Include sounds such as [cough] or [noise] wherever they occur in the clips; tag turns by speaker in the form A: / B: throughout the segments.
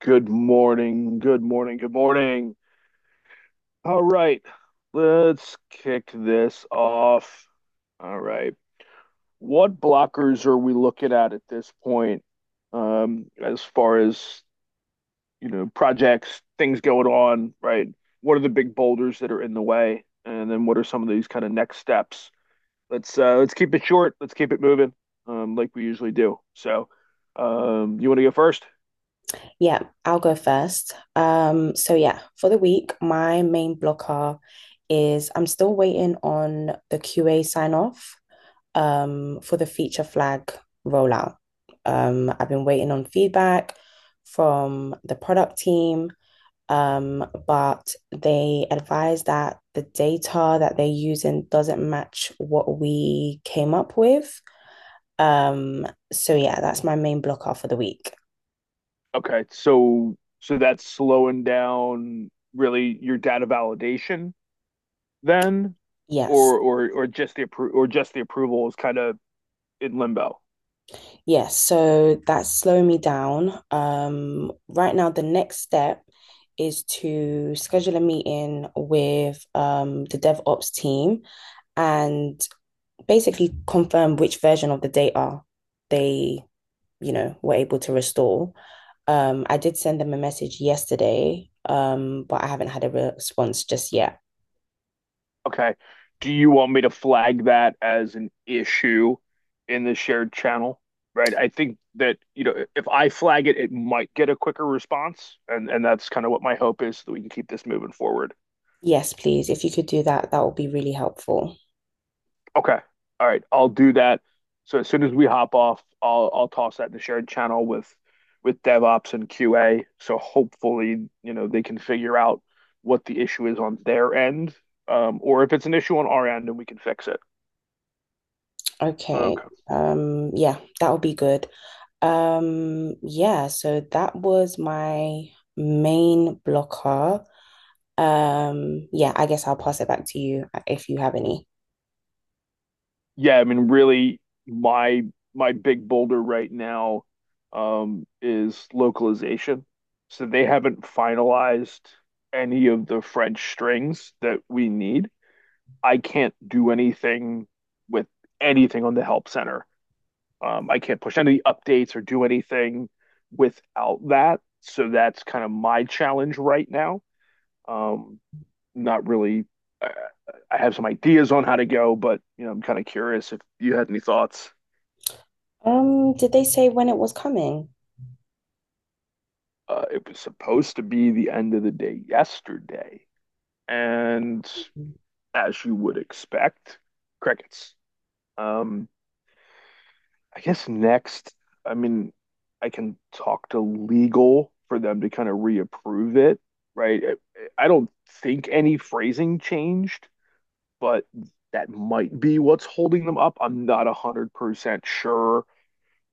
A: Good morning. Good morning. Good morning. All right. Let's kick this off. All right. What blockers are we looking at this point? As far as, projects, things going on, right? What are the big boulders that are in the way? And then what are some of these kind of next steps? Let's keep it short. Let's keep it moving, like we usually do. So, you want to go first?
B: Yeah, I'll go first. So yeah, for the week, my main blocker is I'm still waiting on the QA sign off for the feature flag rollout. I've been waiting on feedback from the product team, but they advised that the data that they're using doesn't match what we came up with. Um, so yeah, that's my main blocker for the week.
A: Okay, so that's slowing down really your data validation then,
B: Yes.
A: or just the approval is kind of in limbo.
B: Yes, so that's slowing me down. Right now, the next step is to schedule a meeting with the DevOps team and basically confirm which version of the data they were able to restore. I did send them a message yesterday, but I haven't had a response just yet.
A: Okay. Do you want me to flag that as an issue in the shared channel? Right. I think that, you know, if I flag it, it might get a quicker response. And that's kind of what my hope is so that we can keep this moving forward.
B: Yes, please. If you could do that, that would be really helpful.
A: Okay. All right. I'll do that. So as soon as we hop off, I'll toss that in the shared channel with DevOps and QA. So hopefully, you know, they can figure out what the issue is on their end, or if it's an issue on our end and we can fix it.
B: Okay.
A: Okay.
B: Yeah, that would be good. Yeah, so that was my main blocker. Yeah, I guess I'll pass it back to you if you have any.
A: Yeah, I mean, really, my my big boulder right now is localization. So they haven't finalized any of the French strings that we need. I can't do anything with anything on the help center. I can't push any updates or do anything without that. So that's kind of my challenge right now. Um, not really. Uh, I have some ideas on how to go, but you know, I'm kind of curious if you had any thoughts.
B: Did they say when it was coming?
A: It was supposed to be the end of the day yesterday, and
B: Mm.
A: as you would expect, crickets. Um, I guess next, I mean, I can talk to legal for them to kind of reapprove it, right? I don't think any phrasing changed, but that might be what's holding them up. I'm not 100% sure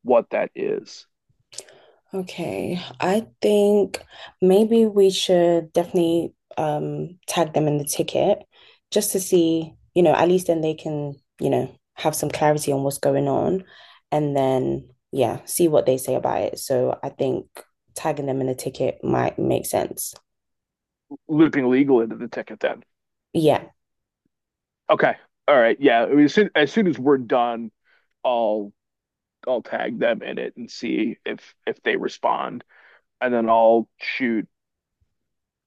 A: what that is.
B: Okay, I think maybe we should definitely tag them in the ticket just to see, you know, at least then they can, you know, have some clarity on what's going on and then yeah, see what they say about it. So I think tagging them in the ticket might make sense.
A: Looping legal into the ticket then.
B: Yeah.
A: Okay. All right. Yeah. I mean, as soon as we're done, I'll I'll tag them in it and see if they respond. And then I'll shoot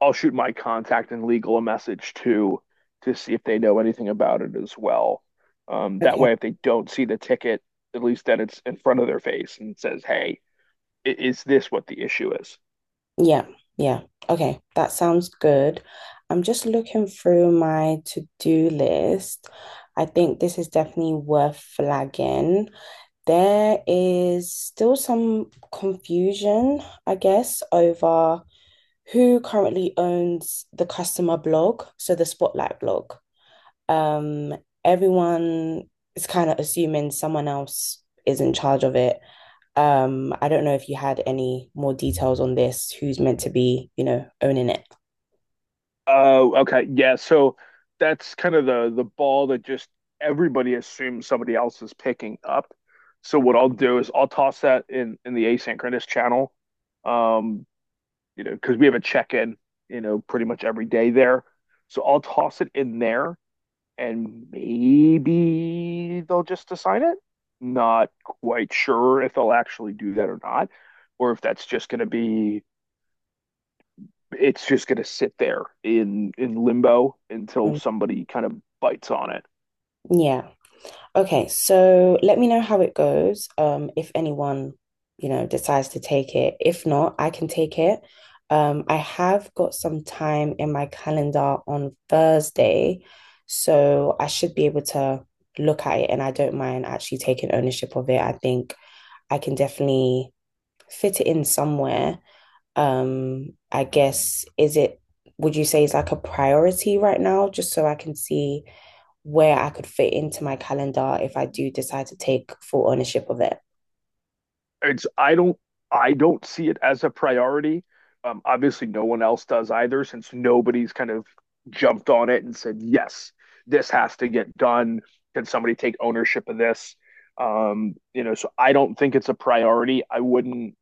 A: I'll shoot my contact in legal a message too to see if they know anything about it as well. That
B: Okay.
A: way, if they don't see the ticket, at least then it's in front of their face and says, "Hey, is this what the issue is?"
B: Yeah. Yeah. Okay, that sounds good. I'm just looking through my to-do list. I think this is definitely worth flagging. There is still some confusion, I guess, over who currently owns the customer blog, so the Spotlight blog. Um, Everyone is kind of assuming someone else is in charge of it, I don't know if you had any more details on this, who's meant to be, you know, owning it.
A: Oh, okay, yeah. So that's kind of the ball that just everybody assumes somebody else is picking up. So what I'll do is I'll toss that in the asynchronous channel, um, you know, because we have a check in, you know, pretty much every day there. So I'll toss it in there and maybe they'll just assign it. Not quite sure if they'll actually do that or not, or if that's just going to be it's just going to sit there in limbo until
B: Mm.
A: somebody kind of bites on it.
B: Yeah. Okay, so let me know how it goes. If anyone, you know, decides to take it. If not, I can take it. I have got some time in my calendar on Thursday, so I should be able to look at it and I don't mind actually taking ownership of it. I think I can definitely fit it in somewhere. I guess is it, would you say it's like a priority right now, just so I can see where I could fit into my calendar if I do decide to take full ownership of it.
A: It's I don't see it as a priority. Obviously, no one else does either, since nobody's kind of jumped on it and said, "Yes, this has to get done." Can somebody take ownership of this? You know, so I don't think it's a priority. I wouldn't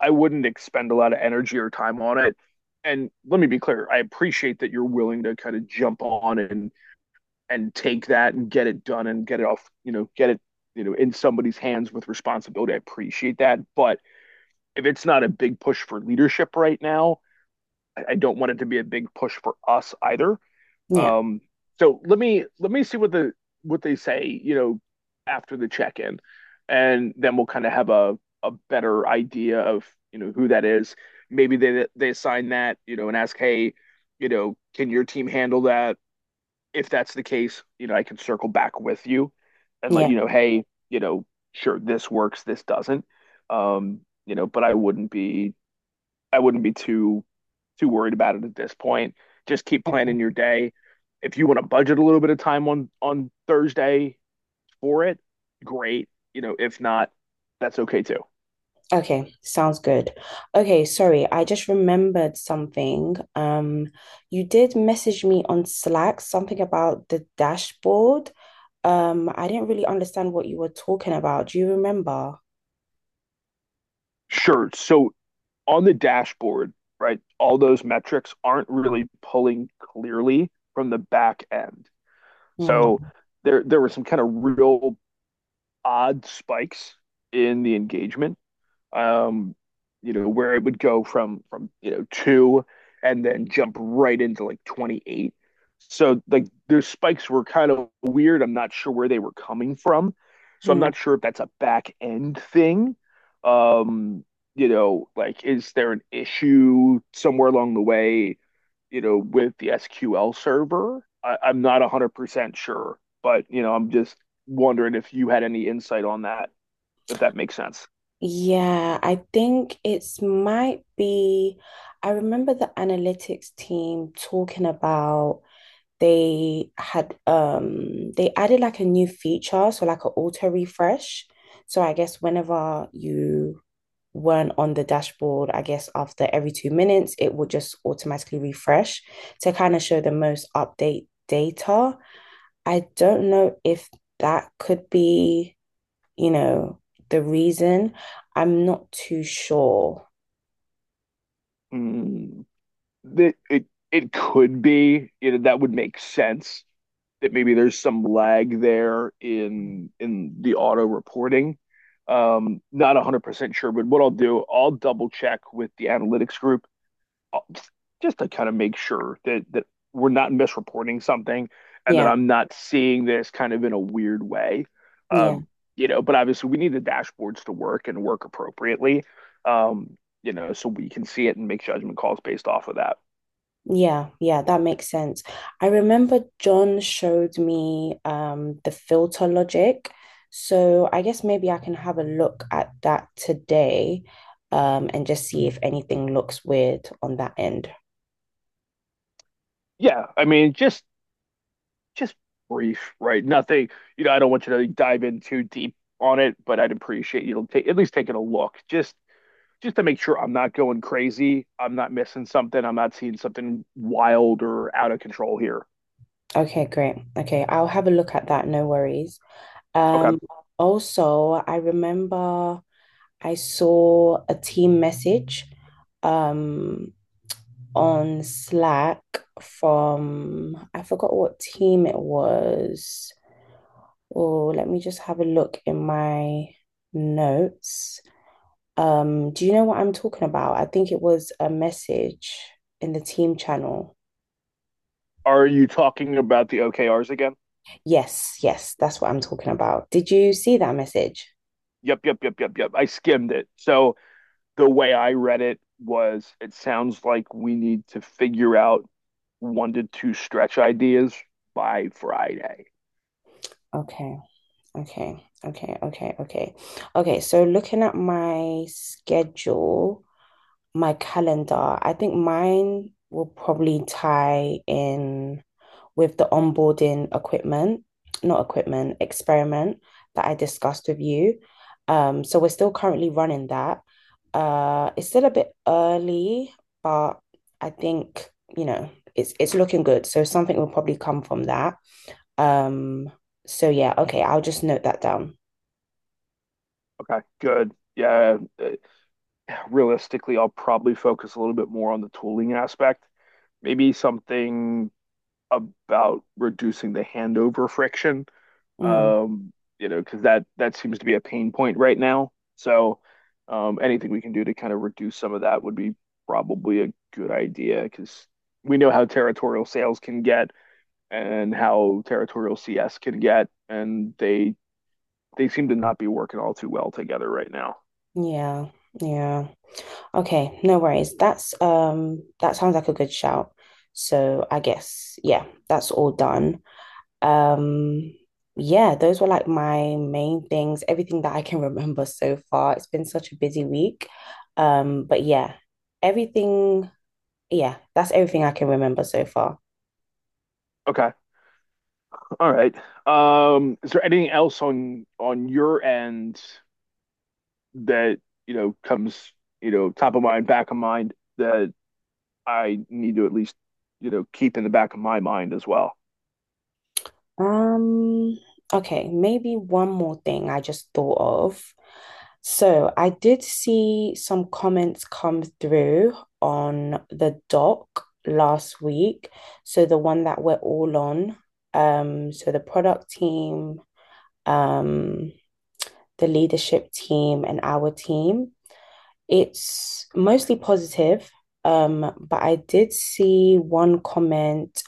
A: I wouldn't expend a lot of energy or time on it. And let me be clear, I appreciate that you're willing to kind of jump on and take that and get it done and get it off, you know, get it, you know, in somebody's hands with responsibility. I appreciate that, but if it's not a big push for leadership right now, I don't want it to be a big push for us either.
B: Yeah,
A: Um, so let me see what the what they say, you know, after the check in, and then we'll kind of have a better idea of you know who that is. Maybe they assign that you know and ask, hey, you know, can your team handle that? If that's the case, you know, I can circle back with you and let
B: yeah.
A: you know, hey, you know, sure this works, this doesn't. Um, you know, but I wouldn't be too worried about it at this point. Just keep
B: Okay.
A: planning your day. If you want to budget a little bit of time on Thursday for it, great. You know, if not, that's okay too.
B: Okay, sounds good. Okay, sorry, I just remembered something. You did message me on Slack something about the dashboard. I didn't really understand what you were talking about. Do you remember?
A: Sure. So on the dashboard, right, all those metrics aren't really pulling clearly from the back end.
B: Hmm.
A: So there were some kind of real odd spikes in the engagement um, you know, where it would go from you know two and then jump right into like 28. So like those spikes were kind of weird. I'm not sure where they were coming from. So I'm
B: Hmm.
A: not sure if that's a back end thing. Um, you know, like is there an issue somewhere along the way, you know, with the SQL server? I'm not 100% sure, but you know, I'm just wondering if you had any insight on that, if that makes sense.
B: Yeah, I think it's might be. I remember the analytics team talking about they had they added like a new feature, so like an auto refresh. So I guess whenever you weren't on the dashboard, I guess after every 2 minutes, it would just automatically refresh to kind of show the most update data. I don't know if that could be, you know, the reason. I'm not too sure.
A: Mm, that it could be, you know, that would make sense that maybe there's some lag there in the auto reporting. Not 100% sure, but what I'll do, I'll double check with the analytics group just just to kind of make sure that we're not misreporting something and that
B: Yeah,
A: I'm not seeing this kind of in a weird way.
B: yeah,
A: Um, you know, but obviously we need the dashboards to work and work appropriately. Um, you know, so we can see it and make judgment calls based off of that.
B: yeah, yeah, that makes sense. I remember John showed me the filter logic. So I guess maybe I can have a look at that today and just see if anything looks weird on that end.
A: Yeah, I mean, just brief, right? Nothing, you know, I don't want you to dive in too deep on it, but I'd appreciate you to take at least taking a look, just to make sure I'm not going crazy, I'm not missing something, I'm not seeing something wild or out of control here.
B: Okay, great. Okay, I'll have a look at that, no worries.
A: Okay.
B: Um also I remember I saw a team message um on Slack from I forgot what team it was. Oh, let me just have a look in my notes. Do you know what I'm talking about? I think it was a message in the team channel.
A: Are you talking about the OKRs again?
B: Yes, yes, that's what I'm talking about. Did you see that message?
A: Yep. I skimmed it. So the way I read it was it sounds like we need to figure out one to two stretch ideas by Friday.
B: Okay, okay, okay, okay, okay. Okay, so looking at my schedule, my calendar, I think mine will probably tie in with the onboarding equipment, not equipment, experiment that I discussed with you. So we're still currently running that. It's still a bit early, but I think, you know, it's looking good. So something will probably come from that. Um, so yeah, okay, I'll just note that down.
A: Okay, good. Yeah, realistically, I'll probably focus a little bit more on the tooling aspect. Maybe something about reducing the handover friction.
B: Mm,
A: Um, you know, because that seems to be a pain point right now. So, anything we can do to kind of reduce some of that would be probably a good idea because we know how territorial sales can get and how territorial CS can get, and they seem to not be working all too well together right now.
B: yeah, yeah. Okay, no worries. That's that sounds like a good shout. So I guess yeah, that's all done. Um yeah, those were like my main things, everything that I can [laughs] remember so far. It's been such a busy week. But yeah, everything yeah, that's everything I can remember so far.
A: Okay. All right. Is there anything else on your end that, you know, comes, you know, top of mind, back of mind that I need to at least, you know, keep in the back of my mind as well?
B: Um okay, maybe one more thing I just thought of. So I did see some comments come through on the doc last week. So the one that we're all on. So the product team, um, the leadership team, and our team. It's mostly positive. But I did see one comment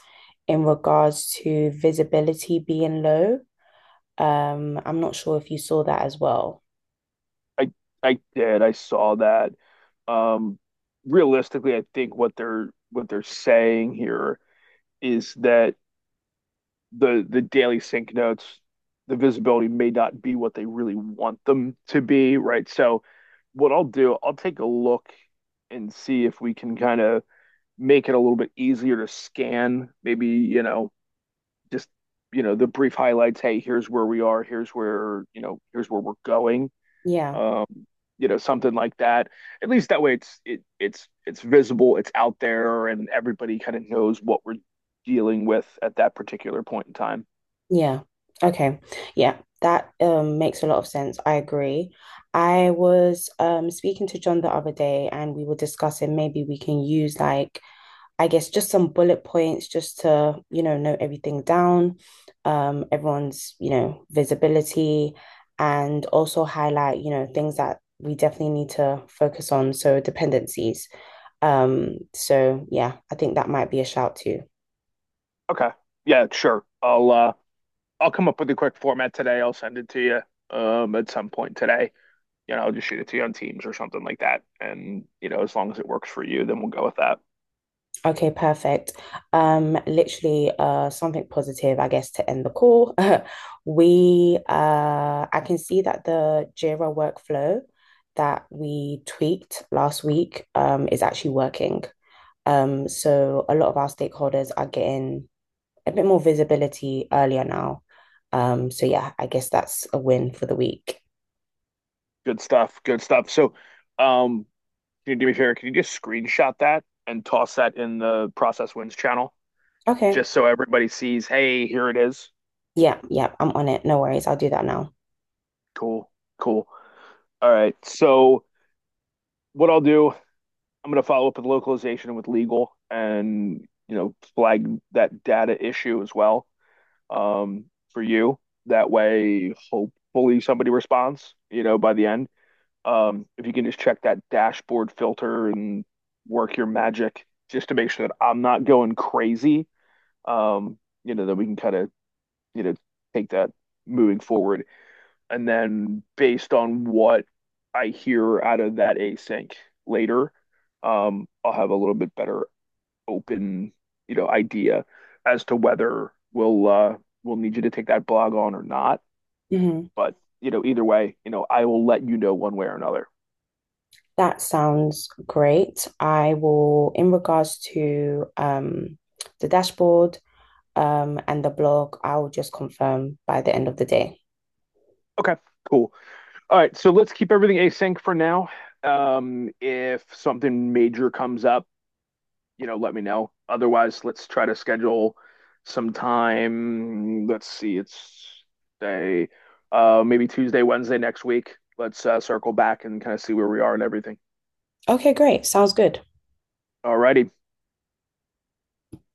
B: in regards to visibility being low. I'm not sure if you saw that as well.
A: I I did. I saw that. Um, realistically, I think what they're saying here is that the daily sync notes, the visibility may not be what they really want them to be, right? So what I'll do, I'll take a look and see if we can kind of make it a little bit easier to scan. Maybe, you know, just, you know, the brief highlights. Hey, here's where we are. Here's where, you know, here's where we're going.
B: Yeah.
A: Um, you know, something like that. At least that way it's visible, it's out there, and everybody kind of knows what we're dealing with at that particular point in time.
B: Yeah. Okay. Yeah, that makes a lot of sense. I agree. I was speaking to John the other day and we were discussing maybe we can use like I guess just some bullet points just to, you know, note everything down, everyone's, you know, visibility and also highlight, you know, things that we definitely need to focus on, so dependencies. So yeah, I think that might be a shout too.
A: Okay. Yeah, sure. I'll come up with a quick format today. I'll send it to you at some point today. You know, just shoot it to you on Teams or something like that. And, you know, as long as it works for you, then we'll go with that.
B: Okay, perfect. Literally, something positive, I guess, to end the call. [laughs] We, I can see that the Jira workflow that we tweaked last week, is actually working. So a lot of our stakeholders are getting a bit more visibility earlier now. So yeah, I guess that's a win for the week.
A: Good stuff. Good stuff. So, um, can you do me a favor? Can you just screenshot that and toss that in the Process Wins channel
B: Okay.
A: just so everybody sees, hey, here it is.
B: Yeah, yeah, I'm on it. No worries. I'll do that now.
A: Cool. Cool. All right. So, what I'll do, I'm going to follow up with localization and with legal and, you know, flag that data issue as well for you. That way, hopefully somebody responds, you know, by the end. If you can just check that dashboard filter and work your magic just to make sure that I'm not going crazy, um, you know, then we can kind of, you know, take that moving forward. And then based on what I hear out of that async later, I'll have a little bit better open, you know, idea as to whether we'll need you to take that blog on or not.
B: Mhm.
A: But you know, either way, you know, I will let you know one way or another.
B: That sounds great. I will, in regards to the dashboard and the blog, I'll just confirm by the end of the day.
A: Okay, cool. All right, so let's keep everything async for now. If something major comes up, you know, let me know. Otherwise, let's try to schedule some time. Let's see, it's day, maybe Tuesday, Wednesday next week. Let's circle back and kind of see where we are and everything.
B: Okay, great. Sounds good.
A: All righty.